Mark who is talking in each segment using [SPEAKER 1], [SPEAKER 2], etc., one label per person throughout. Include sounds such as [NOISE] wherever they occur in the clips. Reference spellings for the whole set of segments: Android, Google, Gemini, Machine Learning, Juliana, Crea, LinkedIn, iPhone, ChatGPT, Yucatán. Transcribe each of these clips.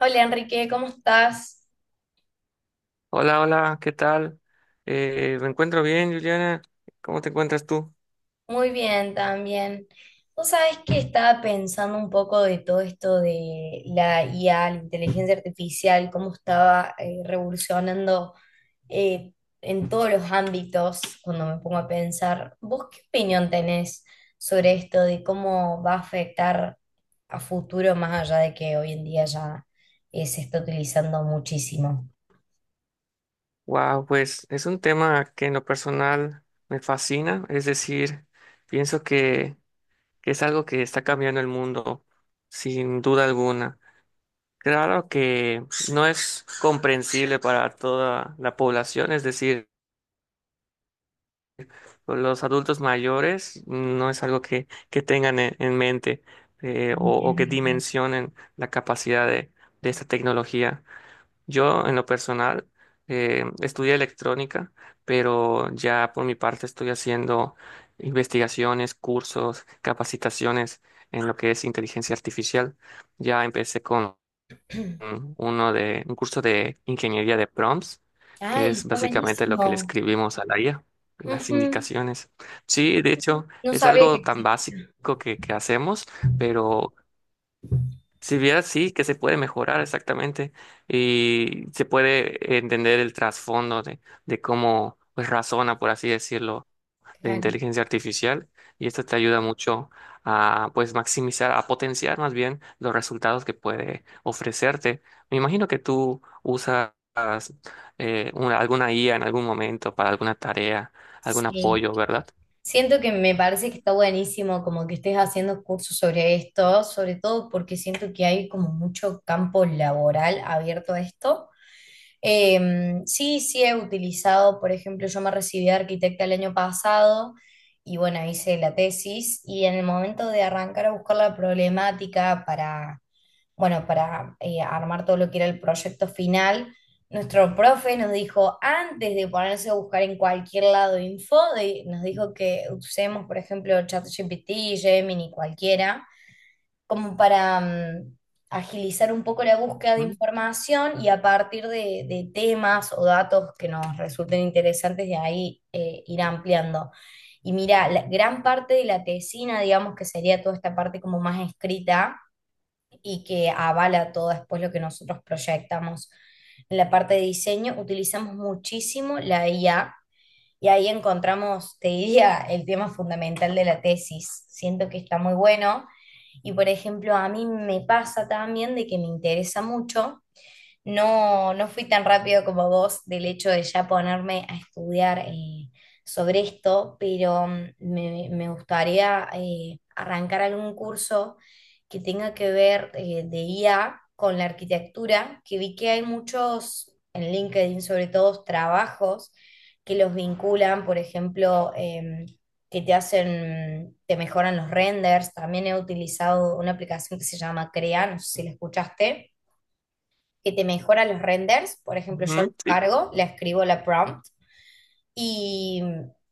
[SPEAKER 1] Hola Enrique, ¿cómo estás?
[SPEAKER 2] Hola, hola, ¿qué tal? Me encuentro bien, Juliana. ¿Cómo te encuentras tú?
[SPEAKER 1] Muy bien también. Vos sabés que estaba pensando un poco de todo esto de la IA, la inteligencia artificial, cómo estaba revolucionando eh, en todos los ámbitos cuando me pongo a pensar. ¿Vos qué opinión tenés sobre esto de cómo va a afectar a futuro más allá de que hoy en día ya se está utilizando muchísimo?
[SPEAKER 2] Wow, pues es un tema que en lo personal me fascina, es decir, pienso que es algo que está cambiando el mundo, sin duda alguna. Claro que no es comprensible para toda la población, es decir, los adultos mayores no es algo que tengan en mente o que dimensionen la capacidad de esta tecnología. Yo, en lo personal, estudié electrónica, pero ya por mi parte estoy haciendo investigaciones, cursos, capacitaciones en lo que es inteligencia artificial. Ya empecé con un curso de ingeniería de prompts, que
[SPEAKER 1] Ay,
[SPEAKER 2] es
[SPEAKER 1] está
[SPEAKER 2] básicamente lo que le
[SPEAKER 1] buenísimo.
[SPEAKER 2] escribimos a la IA, las
[SPEAKER 1] Ujú.
[SPEAKER 2] indicaciones. Sí, de hecho,
[SPEAKER 1] No
[SPEAKER 2] es
[SPEAKER 1] sabía que
[SPEAKER 2] algo tan básico
[SPEAKER 1] existía.
[SPEAKER 2] que hacemos, pero si vieras, sí, que se puede mejorar exactamente y se puede entender el trasfondo de cómo pues, razona, por así decirlo, la
[SPEAKER 1] Claro,
[SPEAKER 2] inteligencia artificial, y esto te ayuda mucho a pues maximizar, a potenciar más bien los resultados que puede ofrecerte. Me imagino que tú usas alguna IA en algún momento para alguna tarea, algún
[SPEAKER 1] sí.
[SPEAKER 2] apoyo, ¿verdad?
[SPEAKER 1] Siento que me parece que está buenísimo como que estés haciendo cursos sobre esto, sobre todo porque siento que hay como mucho campo laboral abierto a esto. Sí, sí he utilizado, por ejemplo, yo me recibí de arquitecta el año pasado y bueno, hice la tesis y en el momento de arrancar a buscar la problemática para bueno, para armar todo lo que era el proyecto final, nuestro profe nos dijo, antes de ponerse a buscar en cualquier lado info, nos dijo que usemos, por ejemplo, ChatGPT, Gemini, cualquiera, como para agilizar un poco la búsqueda de
[SPEAKER 2] Mm,
[SPEAKER 1] información y a partir de temas o datos que nos resulten interesantes, de ahí ir ampliando. Y mira, la gran parte de la tesina, digamos que sería toda esta parte como más escrita, y que avala todo después lo que nosotros proyectamos. En la parte de diseño utilizamos muchísimo la IA y ahí encontramos, te diría, el tema fundamental de la tesis. Siento que está muy bueno y, por ejemplo, a mí me pasa también de que me interesa mucho no, no fui tan rápido como vos del hecho de ya ponerme a estudiar sobre esto, pero me gustaría arrancar algún curso que tenga que ver de IA con la arquitectura, que vi que hay muchos en LinkedIn, sobre todo trabajos que los vinculan, por ejemplo, que te hacen, te mejoran los renders. También he utilizado una aplicación que se llama Crea, no sé si la escuchaste que te mejora los renders. Por ejemplo, yo lo
[SPEAKER 2] ujú, sí.
[SPEAKER 1] cargo, le escribo la prompt y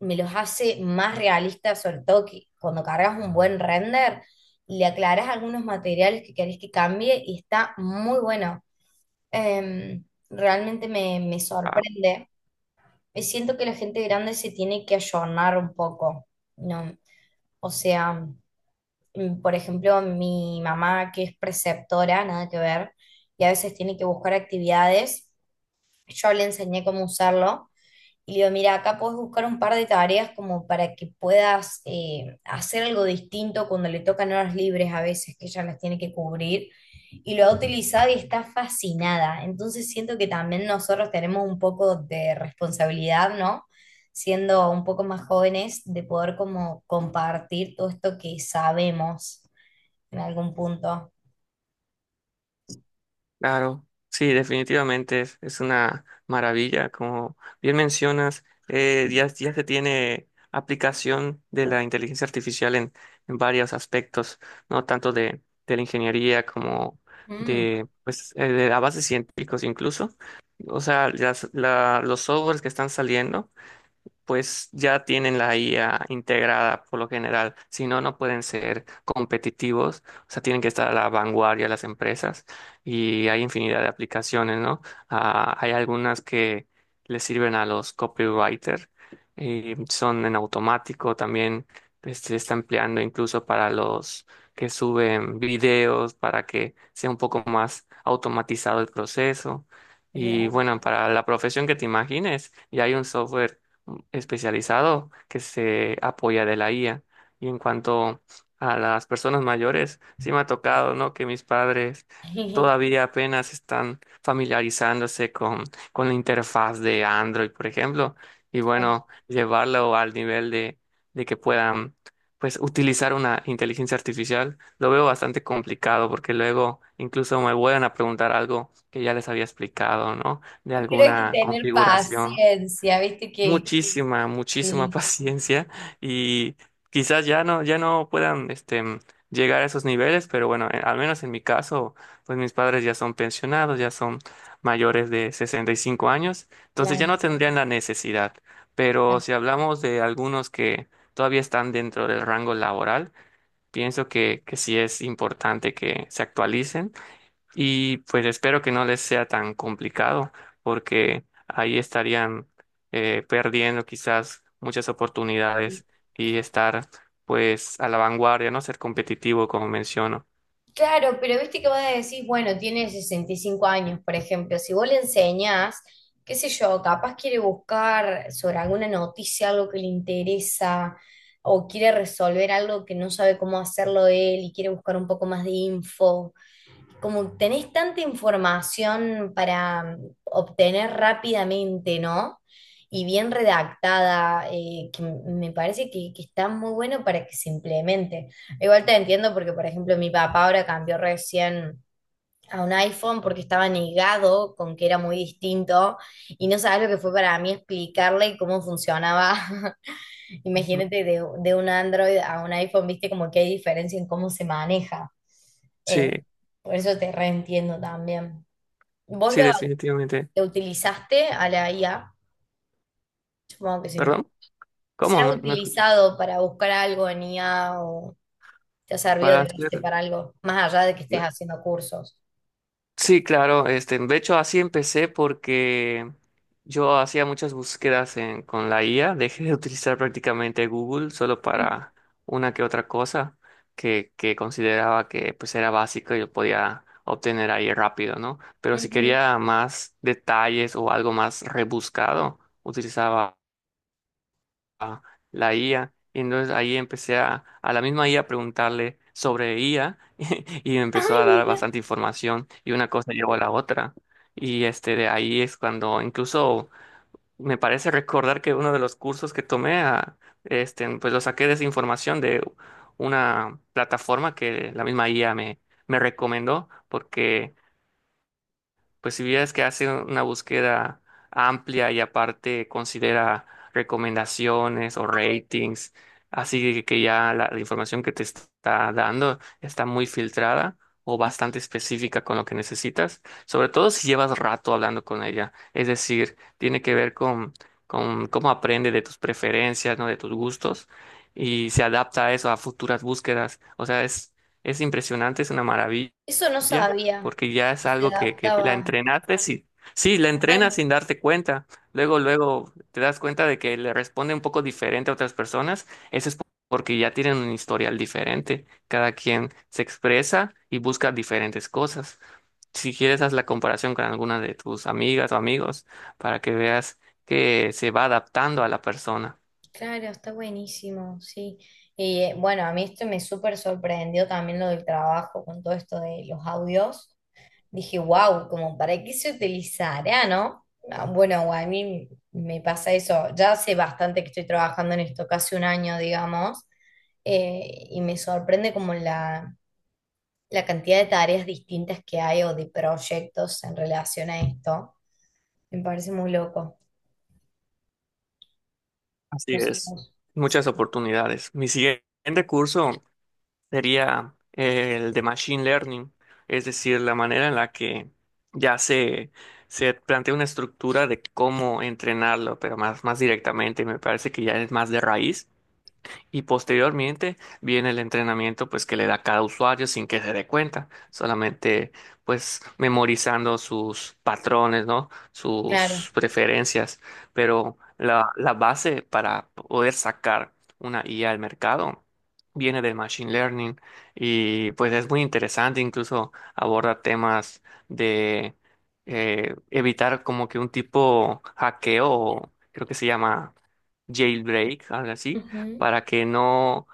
[SPEAKER 1] me los hace más realistas, sobre todo que cuando cargas un buen render, le aclaras algunos materiales que querés que cambie y está muy bueno. Em, realmente me sorprende. Siento que la gente grande se tiene que ayornar un poco, ¿no? O sea, por ejemplo, mi mamá que es preceptora, nada que ver, y a veces tiene que buscar actividades yo le enseñé cómo usarlo y le digo, mira, acá puedes buscar un par de tareas como para que puedas hacer algo distinto cuando le tocan horas libres a veces que ella las tiene que cubrir. Y lo ha utilizado y está fascinada. Entonces siento que también nosotros tenemos un poco de responsabilidad, ¿no? Siendo un poco más jóvenes, de poder como compartir todo esto que sabemos en algún punto.
[SPEAKER 2] Claro, sí, definitivamente es una maravilla. Como bien mencionas, ya se tiene aplicación de la inteligencia artificial en varios aspectos, no tanto de la ingeniería como
[SPEAKER 1] Mm,
[SPEAKER 2] de, pues, de avances científicos incluso. O sea, los softwares que están saliendo pues ya tienen la IA integrada por lo general. Si no, no pueden ser competitivos. O sea, tienen que estar a la vanguardia las empresas, y hay infinidad de aplicaciones, ¿no? Ah, hay algunas que les sirven a los copywriters, son en automático, también pues, se está empleando incluso para los que suben videos, para que sea un poco más automatizado el proceso. Y
[SPEAKER 1] real.
[SPEAKER 2] bueno, para la profesión que te imagines, y hay un software especializado que se apoya de la IA. Y en cuanto a las personas mayores, sí me ha tocado, ¿no? Que mis padres
[SPEAKER 1] [LAUGHS]
[SPEAKER 2] todavía apenas están familiarizándose con la interfaz de Android, por ejemplo. Y bueno, llevarlo al nivel de que puedan, pues, utilizar una inteligencia artificial, lo veo bastante complicado porque luego incluso me vuelven a preguntar algo que ya les había explicado, ¿no? De
[SPEAKER 1] Pero hay que
[SPEAKER 2] alguna
[SPEAKER 1] tener
[SPEAKER 2] configuración
[SPEAKER 1] paciencia, viste que,
[SPEAKER 2] muchísima, muchísima [LAUGHS]
[SPEAKER 1] sí,
[SPEAKER 2] paciencia. Y quizás ya no puedan, este, llegar a esos niveles, pero bueno, al menos en mi caso, pues mis padres ya son pensionados, ya son mayores de 65 años, entonces ya
[SPEAKER 1] claro,
[SPEAKER 2] no tendrían la necesidad. Pero
[SPEAKER 1] claro.
[SPEAKER 2] si hablamos de algunos que todavía están dentro del rango laboral, pienso que sí es importante que se actualicen y pues espero que no les sea tan complicado, porque ahí estarían perdiendo quizás muchas oportunidades y estar pues a la vanguardia, ¿no? Ser competitivo, como menciono.
[SPEAKER 1] Claro, pero viste que vos decís, bueno, tiene 65 años, por ejemplo, si vos le enseñás, qué sé yo, capaz quiere buscar sobre alguna noticia, algo que le interesa, o quiere resolver algo que no sabe cómo hacerlo él y quiere buscar un poco más de info. Como tenés tanta información para obtener rápidamente, ¿no? Y bien redactada, que, me parece que está muy bueno para que se implemente. Igual te entiendo porque, por ejemplo, mi papá ahora cambió recién a un iPhone porque estaba negado con que era muy distinto y no sabes lo que fue para mí explicarle cómo funcionaba. [LAUGHS]
[SPEAKER 2] Ujú.
[SPEAKER 1] Imagínate de un Android a un iPhone, viste como que hay diferencia en cómo se maneja. Eh,
[SPEAKER 2] Sí,
[SPEAKER 1] por eso te reentiendo también. ¿Vos
[SPEAKER 2] sí,
[SPEAKER 1] lo,
[SPEAKER 2] definitivamente.
[SPEAKER 1] lo utilizaste a la IA? Supongo que sí.
[SPEAKER 2] Perdón,
[SPEAKER 1] ¿Se
[SPEAKER 2] ¿cómo?
[SPEAKER 1] ha
[SPEAKER 2] No, no escuché.
[SPEAKER 1] utilizado para buscar algo en IA o te ha servido
[SPEAKER 2] Para
[SPEAKER 1] de base
[SPEAKER 2] hacer-
[SPEAKER 1] para algo, más allá de que estés haciendo cursos?
[SPEAKER 2] Sí, claro, este, de hecho así empecé porque yo hacía muchas búsquedas con la IA, dejé de utilizar prácticamente Google solo
[SPEAKER 1] Ujú.
[SPEAKER 2] para una que otra cosa que consideraba que pues era básico y yo podía obtener ahí rápido, ¿no? Pero si
[SPEAKER 1] Ujú.
[SPEAKER 2] quería más detalles o algo más rebuscado, utilizaba ah, la IA, y entonces ahí empecé a la misma IA a preguntarle sobre IA, y me empezó
[SPEAKER 1] Ay,
[SPEAKER 2] a dar
[SPEAKER 1] mira,
[SPEAKER 2] bastante información y una cosa llevó a la otra. Y este, de ahí es cuando incluso me parece recordar que uno de los cursos que tomé, este, pues lo saqué de esa información de una plataforma que la misma IA me recomendó porque pues si vieras que hace una búsqueda amplia y aparte considera recomendaciones o ratings, así que ya la información que te está dando está muy filtrada o bastante específica con lo que necesitas, sobre todo si llevas rato hablando con ella. Es decir, tiene que ver con cómo aprende de tus preferencias, ¿no? De tus gustos, y se adapta a eso, a futuras búsquedas. O sea, es impresionante, es una maravilla,
[SPEAKER 1] eso no
[SPEAKER 2] ¿ya?
[SPEAKER 1] sabía.
[SPEAKER 2] Porque ya es
[SPEAKER 1] Se
[SPEAKER 2] algo que la
[SPEAKER 1] adaptaba.
[SPEAKER 2] entrenaste, sí, sí, la
[SPEAKER 1] Claro.
[SPEAKER 2] entrenas sin darte cuenta. Luego, luego te das cuenta de que le responde un poco diferente a otras personas. Eso es porque ya tienen un historial diferente. Cada quien se expresa y busca diferentes cosas. Si quieres, haz la comparación con alguna de tus amigas o amigos para que veas que se va adaptando a la persona.
[SPEAKER 1] Claro, está buenísimo, sí. Y bueno, a mí esto me súper sorprendió también lo del trabajo con todo esto de los audios. Dije, wow, como para qué se utilizará, ¿no? Ah, bueno, a mí me pasa eso. Ya hace bastante que estoy trabajando en esto, casi un año, digamos, y me sorprende como la cantidad de tareas distintas que hay o de proyectos en relación a esto. Me parece muy loco.
[SPEAKER 2] Así
[SPEAKER 1] No sé,
[SPEAKER 2] es.
[SPEAKER 1] vos.
[SPEAKER 2] Muchas
[SPEAKER 1] Sí.
[SPEAKER 2] oportunidades. Mi siguiente curso sería el de Machine Learning, es decir, la manera en la que ya se, se plantea una estructura de cómo entrenarlo, pero más directamente, me parece que ya es más de raíz. Y posteriormente viene el entrenamiento pues que le da cada usuario sin que se dé cuenta, solamente pues memorizando sus patrones, ¿no?
[SPEAKER 1] Claro.
[SPEAKER 2] Sus preferencias, pero la base para poder sacar una IA al mercado viene del machine learning, y pues es muy interesante, incluso aborda temas de evitar como que un tipo hackeo, o creo que se llama jailbreak, algo así,
[SPEAKER 1] Ujú.
[SPEAKER 2] para que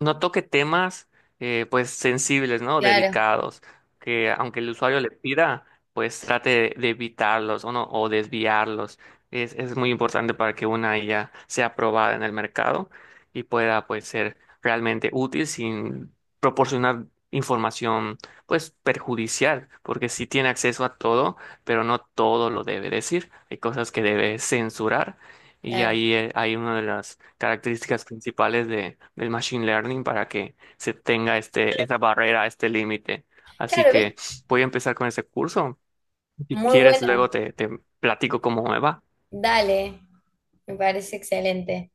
[SPEAKER 2] no toque temas pues sensibles, ¿no?
[SPEAKER 1] Claro,
[SPEAKER 2] Delicados, que aunque el usuario le pida, pues trate de evitarlos o no, o desviarlos. Es muy importante para que una IA sea aprobada en el mercado y pueda pues ser realmente útil sin proporcionar información pues perjudicial, porque si tiene acceso a todo, pero no todo lo debe decir. Hay cosas que debe censurar, y
[SPEAKER 1] claro.
[SPEAKER 2] ahí hay una de las características principales del machine learning para que se tenga este, esa barrera, este límite. Así
[SPEAKER 1] Claro,
[SPEAKER 2] que
[SPEAKER 1] ¿viste?
[SPEAKER 2] voy a empezar con ese curso. Si
[SPEAKER 1] Muy
[SPEAKER 2] quieres, luego
[SPEAKER 1] bueno.
[SPEAKER 2] te platico cómo me va.
[SPEAKER 1] Dale, me parece excelente.